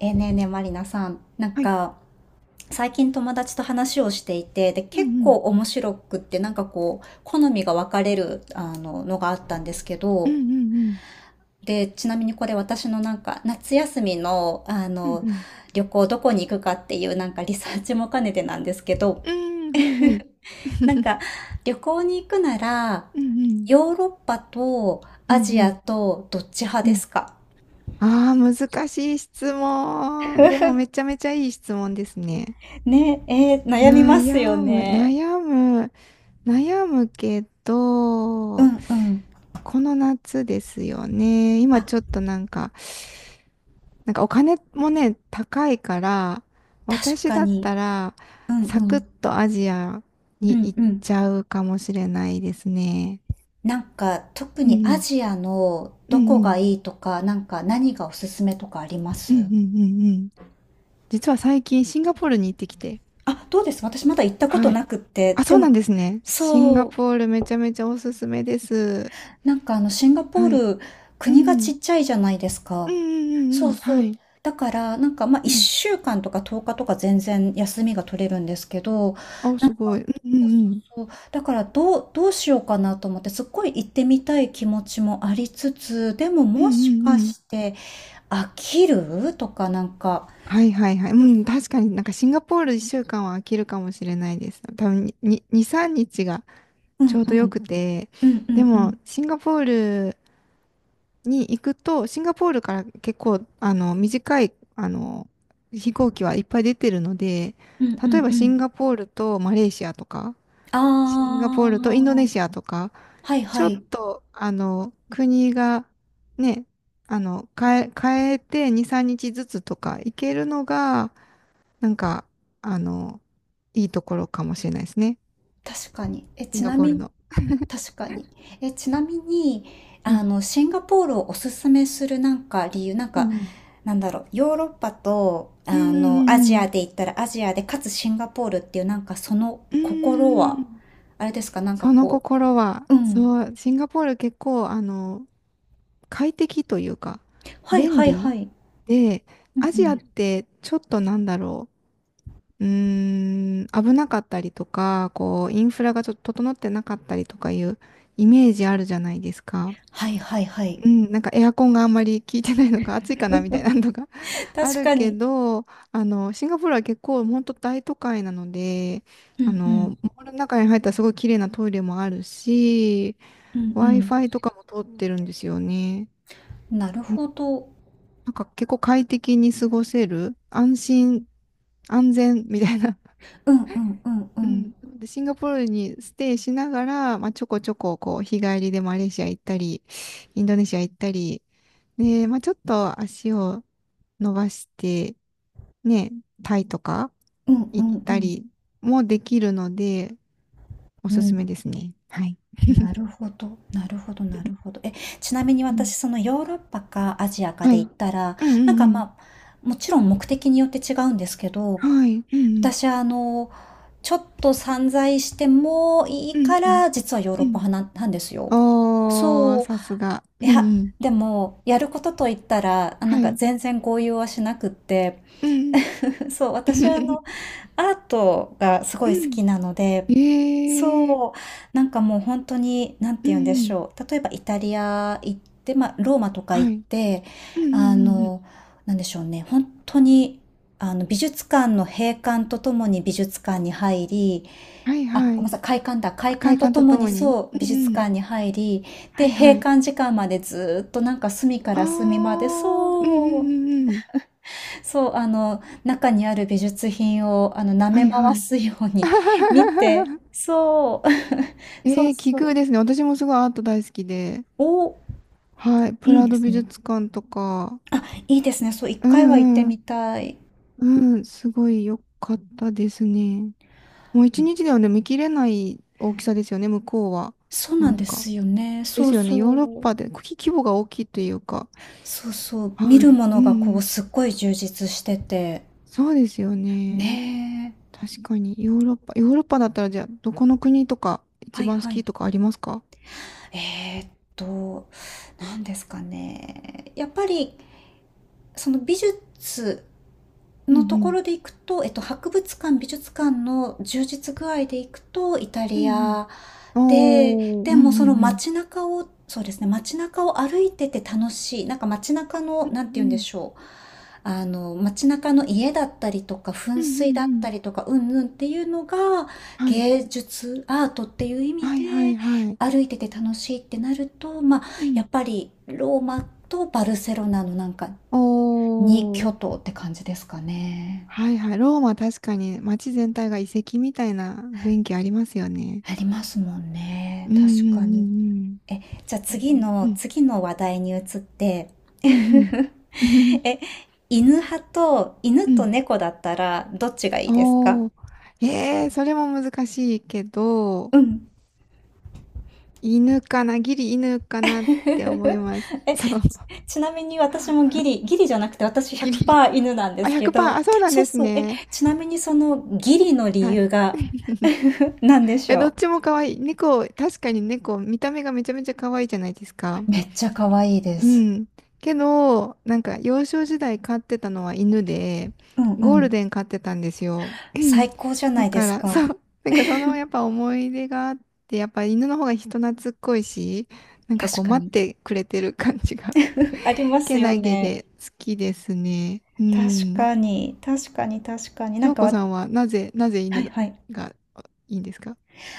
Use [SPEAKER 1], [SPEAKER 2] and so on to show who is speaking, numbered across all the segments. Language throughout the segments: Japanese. [SPEAKER 1] ねえねえ、まりなさん、なん
[SPEAKER 2] はい。
[SPEAKER 1] か最近友達と話をしていて、で
[SPEAKER 2] う
[SPEAKER 1] 結
[SPEAKER 2] んう
[SPEAKER 1] 構
[SPEAKER 2] ん。
[SPEAKER 1] 面白くって、なんかこう好みが分かれるのがあったんですけ
[SPEAKER 2] うん
[SPEAKER 1] ど、
[SPEAKER 2] うんうん。
[SPEAKER 1] でちなみに、これ私のなんか夏休みの
[SPEAKER 2] うんうん。
[SPEAKER 1] 旅行どこに行くかっていうなんかリサーチも兼ねてなんですけど、
[SPEAKER 2] うん、はいはい。
[SPEAKER 1] なんか旅行に行くなら、
[SPEAKER 2] うんうん。
[SPEAKER 1] ヨーロッパと
[SPEAKER 2] う
[SPEAKER 1] ア
[SPEAKER 2] ん
[SPEAKER 1] ジ
[SPEAKER 2] う
[SPEAKER 1] ア
[SPEAKER 2] ん。
[SPEAKER 1] とどっち派
[SPEAKER 2] う
[SPEAKER 1] で
[SPEAKER 2] ん。
[SPEAKER 1] すか？
[SPEAKER 2] ああ、難しい質問。でもめちゃめちゃいい質問ですね。
[SPEAKER 1] ねえ、悩みま
[SPEAKER 2] 悩
[SPEAKER 1] すよ
[SPEAKER 2] む、
[SPEAKER 1] ね。
[SPEAKER 2] 悩む、悩むけ
[SPEAKER 1] う
[SPEAKER 2] ど、
[SPEAKER 1] んうん。
[SPEAKER 2] この夏ですよね。今
[SPEAKER 1] あ、
[SPEAKER 2] ちょっとなんか、お金もね、高いから、
[SPEAKER 1] 確
[SPEAKER 2] 私
[SPEAKER 1] か
[SPEAKER 2] だっ
[SPEAKER 1] に。
[SPEAKER 2] たら、
[SPEAKER 1] うんう
[SPEAKER 2] サクッ
[SPEAKER 1] ん。
[SPEAKER 2] とアジア
[SPEAKER 1] う
[SPEAKER 2] に
[SPEAKER 1] ん
[SPEAKER 2] 行っ
[SPEAKER 1] うん。
[SPEAKER 2] ちゃうかもしれないですね。
[SPEAKER 1] なんか、特
[SPEAKER 2] うんう
[SPEAKER 1] にア
[SPEAKER 2] ん。
[SPEAKER 1] ジアの
[SPEAKER 2] うん
[SPEAKER 1] どこ
[SPEAKER 2] う
[SPEAKER 1] が
[SPEAKER 2] ん
[SPEAKER 1] いいとか、なんか何がおすすめとかありま
[SPEAKER 2] う
[SPEAKER 1] す？
[SPEAKER 2] んうんうんうん。実は最近シンガポールに行ってきて。
[SPEAKER 1] あ、どうです？私まだ行ったこと
[SPEAKER 2] はい。
[SPEAKER 1] なくって。
[SPEAKER 2] あ、
[SPEAKER 1] で
[SPEAKER 2] そう
[SPEAKER 1] も、
[SPEAKER 2] なんですね。シンガ
[SPEAKER 1] そう、
[SPEAKER 2] ポールめちゃめちゃおすすめです。
[SPEAKER 1] なんかシンガポ
[SPEAKER 2] はい。
[SPEAKER 1] ール、
[SPEAKER 2] うん
[SPEAKER 1] 国が
[SPEAKER 2] う
[SPEAKER 1] ち
[SPEAKER 2] ん。
[SPEAKER 1] っちゃいじゃないです
[SPEAKER 2] う
[SPEAKER 1] か。
[SPEAKER 2] んうんうん
[SPEAKER 1] そう
[SPEAKER 2] うん。
[SPEAKER 1] そ
[SPEAKER 2] は
[SPEAKER 1] う。
[SPEAKER 2] い。
[SPEAKER 1] だから、なんか、まあ、
[SPEAKER 2] うん。
[SPEAKER 1] 1週間とか10日とか全然休みが取れるんですけど、
[SPEAKER 2] あ、すごい。うんうんうん。
[SPEAKER 1] そう、だから、どうしようかなと思って、すっごい行ってみたい気持ちもありつつ、でも
[SPEAKER 2] うんう
[SPEAKER 1] もし
[SPEAKER 2] ん
[SPEAKER 1] か
[SPEAKER 2] うん。
[SPEAKER 1] して、飽きるとかなんか、
[SPEAKER 2] はいはいはい。う
[SPEAKER 1] う
[SPEAKER 2] ん、確かになんかシンガポール1週間は飽きるかもしれないです。多分に、2、3日が
[SPEAKER 1] うん
[SPEAKER 2] ち
[SPEAKER 1] う
[SPEAKER 2] ょうどよ
[SPEAKER 1] ん、
[SPEAKER 2] くて。
[SPEAKER 1] うんう
[SPEAKER 2] で
[SPEAKER 1] んう
[SPEAKER 2] も、
[SPEAKER 1] ん、
[SPEAKER 2] シンガポールに行くと、シンガポールから結構、短い、飛行機はいっぱい出てるので、
[SPEAKER 1] うんう
[SPEAKER 2] 例え
[SPEAKER 1] ん
[SPEAKER 2] ば
[SPEAKER 1] う
[SPEAKER 2] シ
[SPEAKER 1] ん。
[SPEAKER 2] ンガポールとマレーシアとか、シンガポー
[SPEAKER 1] あ
[SPEAKER 2] ルとインドネ
[SPEAKER 1] ー、
[SPEAKER 2] シアとか、
[SPEAKER 1] はい
[SPEAKER 2] ち
[SPEAKER 1] は
[SPEAKER 2] ょっ
[SPEAKER 1] い、
[SPEAKER 2] と、国が、ね、変えて2、3日ずつとか行けるのが、なんか、あの、いいところかもしれないですね。
[SPEAKER 1] 確かに。え、
[SPEAKER 2] シン
[SPEAKER 1] ち
[SPEAKER 2] ガ
[SPEAKER 1] な
[SPEAKER 2] ポー
[SPEAKER 1] み
[SPEAKER 2] ル
[SPEAKER 1] に、
[SPEAKER 2] の。
[SPEAKER 1] 確かに。え、ちなみに、
[SPEAKER 2] はい。
[SPEAKER 1] シンガポールをおすすめするなんか理由、なん
[SPEAKER 2] う
[SPEAKER 1] か、
[SPEAKER 2] ん
[SPEAKER 1] なんだろう、ヨーロッパと、
[SPEAKER 2] うん。う
[SPEAKER 1] ア
[SPEAKER 2] んう
[SPEAKER 1] ジ
[SPEAKER 2] ん
[SPEAKER 1] アで言ったらアジアで、かつシンガポールっていうなんかその
[SPEAKER 2] うんうん。う
[SPEAKER 1] 心
[SPEAKER 2] んうんう
[SPEAKER 1] は、
[SPEAKER 2] ん。
[SPEAKER 1] あれですか、なんか
[SPEAKER 2] その
[SPEAKER 1] こ
[SPEAKER 2] 心は、
[SPEAKER 1] う、うん。
[SPEAKER 2] そう、シンガポール結構、快適というか、
[SPEAKER 1] はい
[SPEAKER 2] 便
[SPEAKER 1] はい
[SPEAKER 2] 利
[SPEAKER 1] はい。
[SPEAKER 2] で、
[SPEAKER 1] うんう
[SPEAKER 2] アジアっ
[SPEAKER 1] ん。
[SPEAKER 2] てちょっとなんだろう、うーん、危なかったりとか、こう、インフラがちょっと整ってなかったりとかいうイメージあるじゃないですか。
[SPEAKER 1] はいはいはい
[SPEAKER 2] うん、なんかエアコンがあんまり効いてないのか暑いかなみたいなのとか あ
[SPEAKER 1] 確
[SPEAKER 2] る
[SPEAKER 1] か
[SPEAKER 2] け
[SPEAKER 1] に。
[SPEAKER 2] ど、シンガポールは結構本当大都会なので、
[SPEAKER 1] うんうん。
[SPEAKER 2] モールの中に入ったらすごい綺麗なトイレもあるし、
[SPEAKER 1] うんう
[SPEAKER 2] Wi-Fi とかも通ってるんですよね。
[SPEAKER 1] ん。なる
[SPEAKER 2] うん。
[SPEAKER 1] ほど。
[SPEAKER 2] なんか結構快適に過ごせる、安心、安全みたいな。
[SPEAKER 1] うんうんうんう
[SPEAKER 2] う
[SPEAKER 1] ん。
[SPEAKER 2] ん。で、シンガポールにステイしながら、まあ、ちょこちょこ、こう、日帰りでマレーシア行ったり、インドネシア行ったり、で、まあ、ちょっと足を伸ばして、ね、タイとか
[SPEAKER 1] うんう
[SPEAKER 2] 行っ
[SPEAKER 1] んう
[SPEAKER 2] た
[SPEAKER 1] ん。
[SPEAKER 2] りもできるので、お
[SPEAKER 1] う
[SPEAKER 2] すす
[SPEAKER 1] ん。
[SPEAKER 2] めですね。はい。
[SPEAKER 1] な るほど。なるほどなるほど。え、ちなみに
[SPEAKER 2] う
[SPEAKER 1] 私、
[SPEAKER 2] ん。
[SPEAKER 1] そのヨーロッパかアジアか
[SPEAKER 2] は
[SPEAKER 1] で
[SPEAKER 2] い。う
[SPEAKER 1] 言っ
[SPEAKER 2] ん
[SPEAKER 1] たら、
[SPEAKER 2] う
[SPEAKER 1] なんか
[SPEAKER 2] ん
[SPEAKER 1] まあ、もちろん目的によって違うんですけど、
[SPEAKER 2] うん。はい。うんうん。
[SPEAKER 1] 私ちょっと散財してもい
[SPEAKER 2] う
[SPEAKER 1] い
[SPEAKER 2] ん
[SPEAKER 1] か
[SPEAKER 2] うん。
[SPEAKER 1] ら、実はヨー
[SPEAKER 2] う
[SPEAKER 1] ロッパ
[SPEAKER 2] ん。
[SPEAKER 1] 派なんですよ。
[SPEAKER 2] おー、
[SPEAKER 1] そう。
[SPEAKER 2] さすが。う
[SPEAKER 1] い
[SPEAKER 2] ん
[SPEAKER 1] や、
[SPEAKER 2] うん。
[SPEAKER 1] でも、やることといったら、あなん
[SPEAKER 2] は
[SPEAKER 1] か
[SPEAKER 2] い。
[SPEAKER 1] 全然合意はしなくって、
[SPEAKER 2] うん
[SPEAKER 1] そう、
[SPEAKER 2] うん。
[SPEAKER 1] 私はアートがす
[SPEAKER 2] う
[SPEAKER 1] ごい好
[SPEAKER 2] ん
[SPEAKER 1] きなので、
[SPEAKER 2] うん。えー。
[SPEAKER 1] そう、なんかもう本当に、なんて
[SPEAKER 2] うん
[SPEAKER 1] 言うんで
[SPEAKER 2] う
[SPEAKER 1] し
[SPEAKER 2] ん。
[SPEAKER 1] ょう。例えばイタリア行って、まあ、ローマとか行
[SPEAKER 2] は
[SPEAKER 1] っ
[SPEAKER 2] い。
[SPEAKER 1] て、
[SPEAKER 2] うんう
[SPEAKER 1] あ
[SPEAKER 2] んうんうん。
[SPEAKER 1] の、なんでしょうね。本当に、美術館の閉館とともに美術館に入り、
[SPEAKER 2] はい
[SPEAKER 1] あ、
[SPEAKER 2] は
[SPEAKER 1] ごめ
[SPEAKER 2] い。
[SPEAKER 1] んなさい、開館だ。
[SPEAKER 2] あ
[SPEAKER 1] 開
[SPEAKER 2] 快
[SPEAKER 1] 館と
[SPEAKER 2] 感
[SPEAKER 1] と
[SPEAKER 2] と
[SPEAKER 1] も
[SPEAKER 2] と
[SPEAKER 1] に
[SPEAKER 2] もに。
[SPEAKER 1] そう、
[SPEAKER 2] う
[SPEAKER 1] 美
[SPEAKER 2] ん
[SPEAKER 1] 術
[SPEAKER 2] うん。
[SPEAKER 1] 館に入り、
[SPEAKER 2] は
[SPEAKER 1] で、
[SPEAKER 2] い
[SPEAKER 1] 閉
[SPEAKER 2] はい。
[SPEAKER 1] 館時間までずーっとなんか隅か
[SPEAKER 2] あ
[SPEAKER 1] ら隅まで、
[SPEAKER 2] ー。うんうん
[SPEAKER 1] そう、
[SPEAKER 2] うんうん。
[SPEAKER 1] そう、中にある美術品を、舐
[SPEAKER 2] は
[SPEAKER 1] め
[SPEAKER 2] い
[SPEAKER 1] 回
[SPEAKER 2] はい。
[SPEAKER 1] すように 見て、そう、そう
[SPEAKER 2] えー、奇
[SPEAKER 1] そ
[SPEAKER 2] 遇
[SPEAKER 1] う。
[SPEAKER 2] ですね。私もすごいアート大好きで。
[SPEAKER 1] お、
[SPEAKER 2] はい。プ
[SPEAKER 1] いい
[SPEAKER 2] ラ
[SPEAKER 1] で
[SPEAKER 2] ド
[SPEAKER 1] す
[SPEAKER 2] 美
[SPEAKER 1] ね。
[SPEAKER 2] 術館とか。
[SPEAKER 1] あ、いいですね。そう、一
[SPEAKER 2] う
[SPEAKER 1] 回は行って
[SPEAKER 2] んうん。
[SPEAKER 1] みたい。
[SPEAKER 2] うん。すごい良かったですね。もう
[SPEAKER 1] う
[SPEAKER 2] 一
[SPEAKER 1] ん、
[SPEAKER 2] 日ではね、見切れない大きさですよね、向こうは。
[SPEAKER 1] そう
[SPEAKER 2] な
[SPEAKER 1] なん
[SPEAKER 2] ん
[SPEAKER 1] で
[SPEAKER 2] か。
[SPEAKER 1] すよね。
[SPEAKER 2] で
[SPEAKER 1] そう
[SPEAKER 2] すよね、ヨー
[SPEAKER 1] そ
[SPEAKER 2] ロッ
[SPEAKER 1] う。
[SPEAKER 2] パで国規模が大きいというか。
[SPEAKER 1] そうそう。
[SPEAKER 2] は
[SPEAKER 1] 見る
[SPEAKER 2] い。
[SPEAKER 1] も
[SPEAKER 2] う
[SPEAKER 1] のがこう、
[SPEAKER 2] ん。
[SPEAKER 1] すっごい充実してて。
[SPEAKER 2] そうですよね。
[SPEAKER 1] ねえ。
[SPEAKER 2] 確かに、ヨーロッパ。ヨーロッパだったら、じゃあ、どこの国とか、一
[SPEAKER 1] はい
[SPEAKER 2] 番好
[SPEAKER 1] は
[SPEAKER 2] き
[SPEAKER 1] い。
[SPEAKER 2] とかありますか？
[SPEAKER 1] えーっと、何ですかね。やっぱり、その美術、
[SPEAKER 2] う
[SPEAKER 1] の
[SPEAKER 2] んう
[SPEAKER 1] とこ
[SPEAKER 2] ん。
[SPEAKER 1] ろでいくと、博物館、美術館の充実具合でいくと、イタ
[SPEAKER 2] う
[SPEAKER 1] リ
[SPEAKER 2] ん
[SPEAKER 1] ア
[SPEAKER 2] うん。
[SPEAKER 1] で、
[SPEAKER 2] おー。う
[SPEAKER 1] でも
[SPEAKER 2] んう
[SPEAKER 1] その
[SPEAKER 2] んうん。
[SPEAKER 1] 街中を、そうですね、街中を歩いてて楽しい。なんか街中
[SPEAKER 2] う
[SPEAKER 1] の、
[SPEAKER 2] ん
[SPEAKER 1] なんて言
[SPEAKER 2] う
[SPEAKER 1] うんで
[SPEAKER 2] ん。
[SPEAKER 1] しょう。街中の家だったりとか、
[SPEAKER 2] う
[SPEAKER 1] 噴
[SPEAKER 2] んうん
[SPEAKER 1] 水だ
[SPEAKER 2] う
[SPEAKER 1] っ
[SPEAKER 2] ん。
[SPEAKER 1] たりとか、うんうんっていうのが、
[SPEAKER 2] はい。
[SPEAKER 1] 芸術、アートっていう意味
[SPEAKER 2] は
[SPEAKER 1] で、
[SPEAKER 2] いはいはい。
[SPEAKER 1] 歩いてて楽しいってなると、まあ、
[SPEAKER 2] うん。
[SPEAKER 1] やっぱりローマとバルセロナのなんか、
[SPEAKER 2] お
[SPEAKER 1] 二巨
[SPEAKER 2] ー。
[SPEAKER 1] 頭って感じですかね。
[SPEAKER 2] はいはい。ローマ確かに街全体が遺跡みたいな雰囲気ありますよね。
[SPEAKER 1] ありますもんね。
[SPEAKER 2] うんう
[SPEAKER 1] 確かに。
[SPEAKER 2] ん
[SPEAKER 1] え、じゃあ
[SPEAKER 2] うんうん。え
[SPEAKER 1] 次
[SPEAKER 2] ー、う
[SPEAKER 1] の
[SPEAKER 2] ん。
[SPEAKER 1] 次の話題に移って、
[SPEAKER 2] うんうん。
[SPEAKER 1] え、犬
[SPEAKER 2] う
[SPEAKER 1] と
[SPEAKER 2] ん。
[SPEAKER 1] 猫だったらどっちがいいですか？
[SPEAKER 2] おー。それも難しいけど、
[SPEAKER 1] うん。
[SPEAKER 2] 犬かな、ギリ犬かなって思います。
[SPEAKER 1] え、
[SPEAKER 2] そう、
[SPEAKER 1] ちなみに私もギリじゃなくて私
[SPEAKER 2] ギリ。
[SPEAKER 1] 100%犬なんで
[SPEAKER 2] あ、
[SPEAKER 1] すけど、
[SPEAKER 2] 100%、あ、そうなん
[SPEAKER 1] そう
[SPEAKER 2] です
[SPEAKER 1] そう、え、
[SPEAKER 2] ね。
[SPEAKER 1] ちなみにそのギリの理
[SPEAKER 2] はい。い
[SPEAKER 1] 由が 何でし
[SPEAKER 2] や、どっ
[SPEAKER 1] ょ
[SPEAKER 2] ちも可愛い。猫、確かに猫、見た目がめちゃめちゃ可愛いじゃないですか。
[SPEAKER 1] う？めっちゃ可愛いで
[SPEAKER 2] う
[SPEAKER 1] す。
[SPEAKER 2] ん。けど、なんか幼少時代飼ってたのは犬で、
[SPEAKER 1] うんう
[SPEAKER 2] ゴール
[SPEAKER 1] ん。
[SPEAKER 2] デン飼ってたんですよ。
[SPEAKER 1] 最高じゃ な
[SPEAKER 2] だ
[SPEAKER 1] いで
[SPEAKER 2] か
[SPEAKER 1] す
[SPEAKER 2] ら、そ
[SPEAKER 1] か。
[SPEAKER 2] う、なんかそのやっぱ思い出があって、やっぱ犬の方が人懐っこいし、なんか
[SPEAKER 1] 確
[SPEAKER 2] こう
[SPEAKER 1] か
[SPEAKER 2] 待っ
[SPEAKER 1] に。
[SPEAKER 2] てくれてる感じが、
[SPEAKER 1] あります
[SPEAKER 2] け
[SPEAKER 1] よ
[SPEAKER 2] なげ
[SPEAKER 1] ね。
[SPEAKER 2] で好きですね。う
[SPEAKER 1] 確
[SPEAKER 2] ん。
[SPEAKER 1] かに、確かに、確かに。なん
[SPEAKER 2] 翔
[SPEAKER 1] か
[SPEAKER 2] 子
[SPEAKER 1] わ、
[SPEAKER 2] さんはなぜ、
[SPEAKER 1] はい
[SPEAKER 2] 犬
[SPEAKER 1] はい。
[SPEAKER 2] がいいんですか？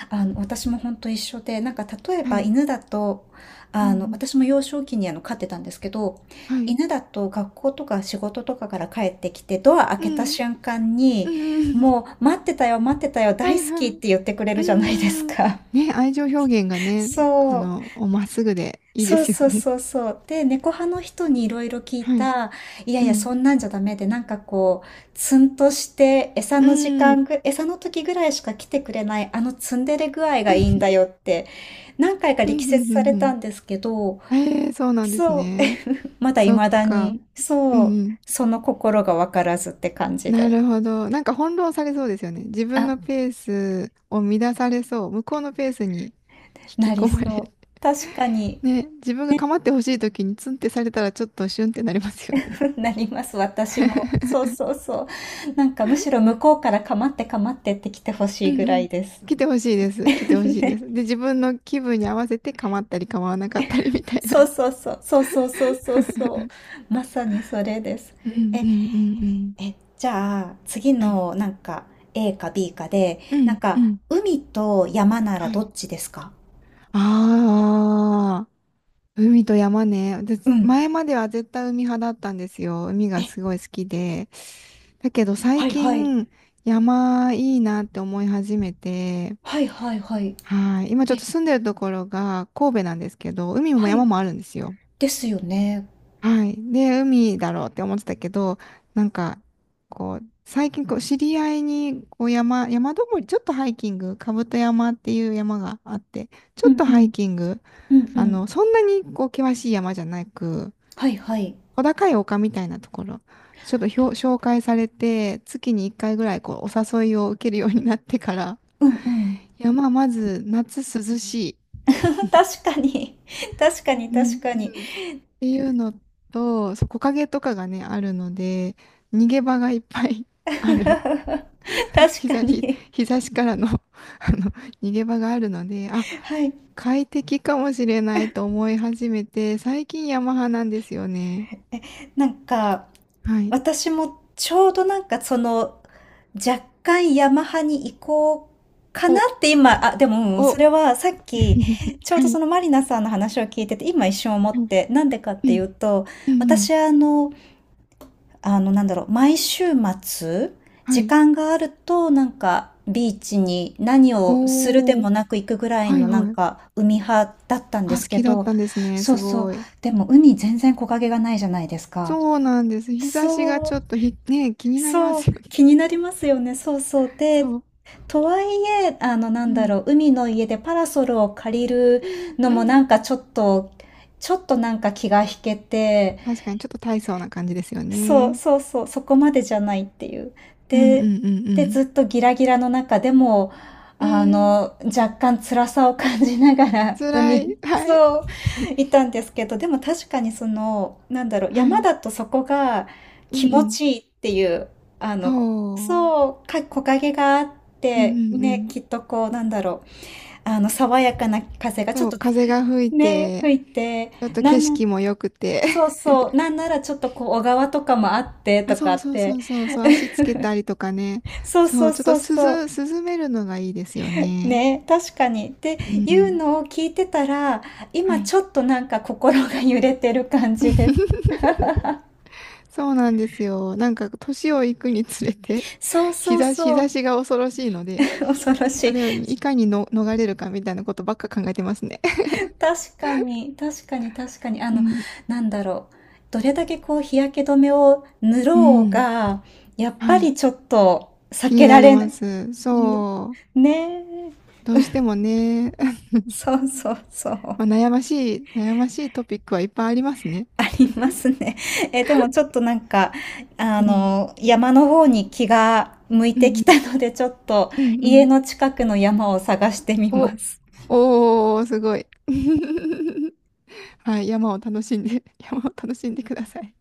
[SPEAKER 1] 私も本当一緒で、なんか例え
[SPEAKER 2] は
[SPEAKER 1] ば
[SPEAKER 2] い。
[SPEAKER 1] 犬だと、
[SPEAKER 2] うんうん。
[SPEAKER 1] 私も幼少期に飼ってたんですけど、
[SPEAKER 2] はい。
[SPEAKER 1] 犬だと学校とか仕事とかから帰ってきて、ドア開
[SPEAKER 2] う
[SPEAKER 1] けた
[SPEAKER 2] ん。
[SPEAKER 1] 瞬間に、
[SPEAKER 2] うん。
[SPEAKER 1] もう待ってたよ、待ってたよ、
[SPEAKER 2] は
[SPEAKER 1] 大
[SPEAKER 2] い
[SPEAKER 1] 好
[SPEAKER 2] は
[SPEAKER 1] きっ
[SPEAKER 2] い。
[SPEAKER 1] て言ってくれ
[SPEAKER 2] う
[SPEAKER 1] るじゃないです
[SPEAKER 2] ーん。
[SPEAKER 1] か。
[SPEAKER 2] ね、愛情表現が ね、
[SPEAKER 1] そう。
[SPEAKER 2] おまっすぐでいいで
[SPEAKER 1] そう
[SPEAKER 2] すよ
[SPEAKER 1] そう
[SPEAKER 2] ね。
[SPEAKER 1] そうそう。で、猫派の人にいろいろ聞い
[SPEAKER 2] はい。
[SPEAKER 1] た、いや
[SPEAKER 2] う
[SPEAKER 1] いや、
[SPEAKER 2] ん。
[SPEAKER 1] そんなんじゃダメで、なんかこう、ツンとして、
[SPEAKER 2] うん。うん。
[SPEAKER 1] 餌の時ぐらいしか来てくれない、あのツンデレ具合がいいんだよって、何回か
[SPEAKER 2] うん
[SPEAKER 1] 力
[SPEAKER 2] う
[SPEAKER 1] 説され
[SPEAKER 2] んう
[SPEAKER 1] た
[SPEAKER 2] ん。
[SPEAKER 1] んですけど、
[SPEAKER 2] ええ、そうなんです
[SPEAKER 1] そう、
[SPEAKER 2] ね。
[SPEAKER 1] まだ
[SPEAKER 2] そっ
[SPEAKER 1] 未だ
[SPEAKER 2] か。
[SPEAKER 1] に、
[SPEAKER 2] う
[SPEAKER 1] そ
[SPEAKER 2] ん
[SPEAKER 1] う、
[SPEAKER 2] うん。
[SPEAKER 1] その心がわからずって感じ
[SPEAKER 2] な
[SPEAKER 1] で。
[SPEAKER 2] るほど。なんか翻弄されそうですよね。自分
[SPEAKER 1] あ、
[SPEAKER 2] のペースを乱されそう。向こうのペースに引き
[SPEAKER 1] なり
[SPEAKER 2] 込まれ。
[SPEAKER 1] そう。確かに、
[SPEAKER 2] ね、自分が構ってほしい時にツンってされたらちょっとシュンってなりますよね？
[SPEAKER 1] なります、私も。そうそうそう。なんかむしろ向こうからかまってかまってって来てほし
[SPEAKER 2] う
[SPEAKER 1] い
[SPEAKER 2] ん
[SPEAKER 1] ぐ
[SPEAKER 2] う
[SPEAKER 1] ら
[SPEAKER 2] ん。
[SPEAKER 1] いです。
[SPEAKER 2] 来てほしいです。来てほし いです。
[SPEAKER 1] ね。
[SPEAKER 2] で、自分の気分に合わせて構ったり構わなかったりみたい
[SPEAKER 1] そう
[SPEAKER 2] な。
[SPEAKER 1] そうそう。そうそうそうそうそう。まさにそれです。
[SPEAKER 2] うんう
[SPEAKER 1] え、
[SPEAKER 2] んうんうん。
[SPEAKER 1] え、じゃあ次
[SPEAKER 2] はい。
[SPEAKER 1] のなんか A か B かで、
[SPEAKER 2] う
[SPEAKER 1] なん
[SPEAKER 2] んう
[SPEAKER 1] か
[SPEAKER 2] ん。
[SPEAKER 1] 海と山なら
[SPEAKER 2] は
[SPEAKER 1] ど
[SPEAKER 2] い。
[SPEAKER 1] っちですか？
[SPEAKER 2] ああ、海と山ね。
[SPEAKER 1] う
[SPEAKER 2] 私
[SPEAKER 1] ん。
[SPEAKER 2] 前までは絶対海派だったんですよ。海
[SPEAKER 1] え、
[SPEAKER 2] がすごい好きで。だけど最
[SPEAKER 1] はいはい。
[SPEAKER 2] 近、山いいなって思い始めて、
[SPEAKER 1] はいはいはい。
[SPEAKER 2] はい。今ちょっ
[SPEAKER 1] え、
[SPEAKER 2] と住んでるところが神戸なんですけど、海も
[SPEAKER 1] はい。
[SPEAKER 2] 山もあるんですよ。
[SPEAKER 1] ですよね。
[SPEAKER 2] はい。で、海だろうって思ってたけど、なんか、こう、最近こう、知り合いに、こう、山登り、ちょっとハイキング、兜山っていう山があって、ち
[SPEAKER 1] う
[SPEAKER 2] ょっ
[SPEAKER 1] ん
[SPEAKER 2] と
[SPEAKER 1] う
[SPEAKER 2] ハ
[SPEAKER 1] ん。
[SPEAKER 2] イキング、
[SPEAKER 1] うんうん。
[SPEAKER 2] そんなに、こう、険しい山じゃなく、
[SPEAKER 1] はいはい。
[SPEAKER 2] 小高い丘みたいなところ、ちょっと紹介されて、月に1回ぐらい、こう、お誘いを受けるようになってから、
[SPEAKER 1] うんうん。
[SPEAKER 2] 山、まず、夏涼しい。
[SPEAKER 1] 確かに。確か
[SPEAKER 2] う
[SPEAKER 1] に、確
[SPEAKER 2] ん
[SPEAKER 1] かに。
[SPEAKER 2] うんっていうのと、そう木陰とかがね、あるので、逃げ場がいっぱい ある。
[SPEAKER 1] 確
[SPEAKER 2] 日
[SPEAKER 1] か
[SPEAKER 2] 差し、
[SPEAKER 1] に。
[SPEAKER 2] からの あの、逃げ場があるので、あ、
[SPEAKER 1] はい。
[SPEAKER 2] 快適かもしれないと思い始めて、最近ヤマハなんですよね。
[SPEAKER 1] なんか、
[SPEAKER 2] はい。
[SPEAKER 1] 私もちょうどなんかその、若干ヤマハに移行かな
[SPEAKER 2] お、
[SPEAKER 1] って今、あ、でも、うん、
[SPEAKER 2] お、
[SPEAKER 1] そ
[SPEAKER 2] は
[SPEAKER 1] れはさっ
[SPEAKER 2] い、
[SPEAKER 1] き、ちょう
[SPEAKER 2] は
[SPEAKER 1] どそ
[SPEAKER 2] い。
[SPEAKER 1] のマリナさんの話を聞いてて、今一瞬思
[SPEAKER 2] う
[SPEAKER 1] っ
[SPEAKER 2] ん、
[SPEAKER 1] て、なんでかっ
[SPEAKER 2] う
[SPEAKER 1] てい
[SPEAKER 2] ん、
[SPEAKER 1] うと、
[SPEAKER 2] うん、
[SPEAKER 1] 私なんだろう、毎週末、
[SPEAKER 2] は
[SPEAKER 1] 時
[SPEAKER 2] い。
[SPEAKER 1] 間があると、なんか、ビーチに何をするで
[SPEAKER 2] お
[SPEAKER 1] も
[SPEAKER 2] ー、
[SPEAKER 1] なく行くぐらい
[SPEAKER 2] はい、
[SPEAKER 1] の、なん
[SPEAKER 2] はい。
[SPEAKER 1] か、海派だったんで
[SPEAKER 2] あ、
[SPEAKER 1] す
[SPEAKER 2] 好
[SPEAKER 1] け
[SPEAKER 2] きだっ
[SPEAKER 1] ど、
[SPEAKER 2] たんですね。
[SPEAKER 1] そう
[SPEAKER 2] す
[SPEAKER 1] そう、
[SPEAKER 2] ごい。
[SPEAKER 1] でも海全然木陰がないじゃないですか。
[SPEAKER 2] そうなんです。日差しが
[SPEAKER 1] そ
[SPEAKER 2] ちょ
[SPEAKER 1] う、
[SPEAKER 2] っとね、気になりま
[SPEAKER 1] そう、
[SPEAKER 2] すよ
[SPEAKER 1] 気
[SPEAKER 2] ね。
[SPEAKER 1] になりますよね、そうそう。で、
[SPEAKER 2] そう。
[SPEAKER 1] とはいえ、な
[SPEAKER 2] う
[SPEAKER 1] んだ
[SPEAKER 2] ん。
[SPEAKER 1] ろう、海の家でパラソルを借りる
[SPEAKER 2] うん
[SPEAKER 1] の
[SPEAKER 2] う
[SPEAKER 1] もなん
[SPEAKER 2] ん。
[SPEAKER 1] かちょっと、ちょっとなんか気が引けて、
[SPEAKER 2] 確かにちょっと大層な感じですよ
[SPEAKER 1] そう
[SPEAKER 2] ね。
[SPEAKER 1] そうそう、そこまでじゃないっていう。
[SPEAKER 2] うんう
[SPEAKER 1] で、
[SPEAKER 2] んうん
[SPEAKER 1] ずっとギラギラの中でも、
[SPEAKER 2] うん。うん。
[SPEAKER 1] 若干辛さを感じながら
[SPEAKER 2] 辛
[SPEAKER 1] 海に、
[SPEAKER 2] い。はい。
[SPEAKER 1] そう、いたんですけど、でも確かにその、なんだろう、
[SPEAKER 2] は
[SPEAKER 1] 山
[SPEAKER 2] い。
[SPEAKER 1] だとそこが
[SPEAKER 2] うん
[SPEAKER 1] 気持
[SPEAKER 2] うん。
[SPEAKER 1] ちいいっていう、あの、
[SPEAKER 2] そう。
[SPEAKER 1] そう、木陰があっ
[SPEAKER 2] うん
[SPEAKER 1] て、
[SPEAKER 2] うんう
[SPEAKER 1] ね、
[SPEAKER 2] ん。
[SPEAKER 1] きっとこう、なんだろう、爽やかな風がちょっ
[SPEAKER 2] そう、
[SPEAKER 1] と
[SPEAKER 2] 風が吹い
[SPEAKER 1] ね、
[SPEAKER 2] て、
[SPEAKER 1] 吹いて、
[SPEAKER 2] ちょっと
[SPEAKER 1] な
[SPEAKER 2] 景
[SPEAKER 1] んな
[SPEAKER 2] 色も良くて。
[SPEAKER 1] そう そう。なんならちょっとこう、小川とかもあって
[SPEAKER 2] あ、
[SPEAKER 1] とか
[SPEAKER 2] そう
[SPEAKER 1] っ
[SPEAKER 2] そうそ
[SPEAKER 1] て。
[SPEAKER 2] うそうそう、足 つけたりとかね。
[SPEAKER 1] そう
[SPEAKER 2] そ
[SPEAKER 1] そ
[SPEAKER 2] う、
[SPEAKER 1] う
[SPEAKER 2] ちょっと
[SPEAKER 1] そうそう。
[SPEAKER 2] 涼めるのがいいですよね。
[SPEAKER 1] ね、確かに。って
[SPEAKER 2] う
[SPEAKER 1] いう
[SPEAKER 2] ん。
[SPEAKER 1] のを聞いてたら、今
[SPEAKER 2] はい。
[SPEAKER 1] ちょっとなんか心が揺れてる感じです。
[SPEAKER 2] そうなんですよ。なんか年をいくにつれて
[SPEAKER 1] そう
[SPEAKER 2] 日
[SPEAKER 1] そう
[SPEAKER 2] 差し、
[SPEAKER 1] そう。
[SPEAKER 2] が恐ろしいので、
[SPEAKER 1] 恐ろし
[SPEAKER 2] そ
[SPEAKER 1] い。
[SPEAKER 2] れをいかにの逃れるかみたいなことばっか考えてますね。
[SPEAKER 1] 確かに、確かに、確かに。
[SPEAKER 2] うん、
[SPEAKER 1] なんだろう。どれだけこう、日焼け止めを塗
[SPEAKER 2] う
[SPEAKER 1] ろう
[SPEAKER 2] ん、
[SPEAKER 1] が、やっぱ
[SPEAKER 2] はい、
[SPEAKER 1] りちょっと避
[SPEAKER 2] 気に
[SPEAKER 1] け
[SPEAKER 2] な
[SPEAKER 1] ら
[SPEAKER 2] り
[SPEAKER 1] れな
[SPEAKER 2] ま
[SPEAKER 1] い。
[SPEAKER 2] す。
[SPEAKER 1] うん、
[SPEAKER 2] そ
[SPEAKER 1] ねえ。
[SPEAKER 2] う、どうしてもね、
[SPEAKER 1] そうそうそう。
[SPEAKER 2] まあ、悩ましい、悩ましいトピックはいっぱいありますね。
[SPEAKER 1] ありますね。え、でもちょっとなんか、
[SPEAKER 2] うん、
[SPEAKER 1] 山の方に気が向い
[SPEAKER 2] う
[SPEAKER 1] て
[SPEAKER 2] ん、
[SPEAKER 1] き
[SPEAKER 2] う
[SPEAKER 1] た
[SPEAKER 2] ん、
[SPEAKER 1] ので、ちょっと
[SPEAKER 2] うん、う
[SPEAKER 1] 家
[SPEAKER 2] ん。
[SPEAKER 1] の近くの山を探してみま
[SPEAKER 2] お、
[SPEAKER 1] す。
[SPEAKER 2] おー、すごい。はい、山を楽しんでください。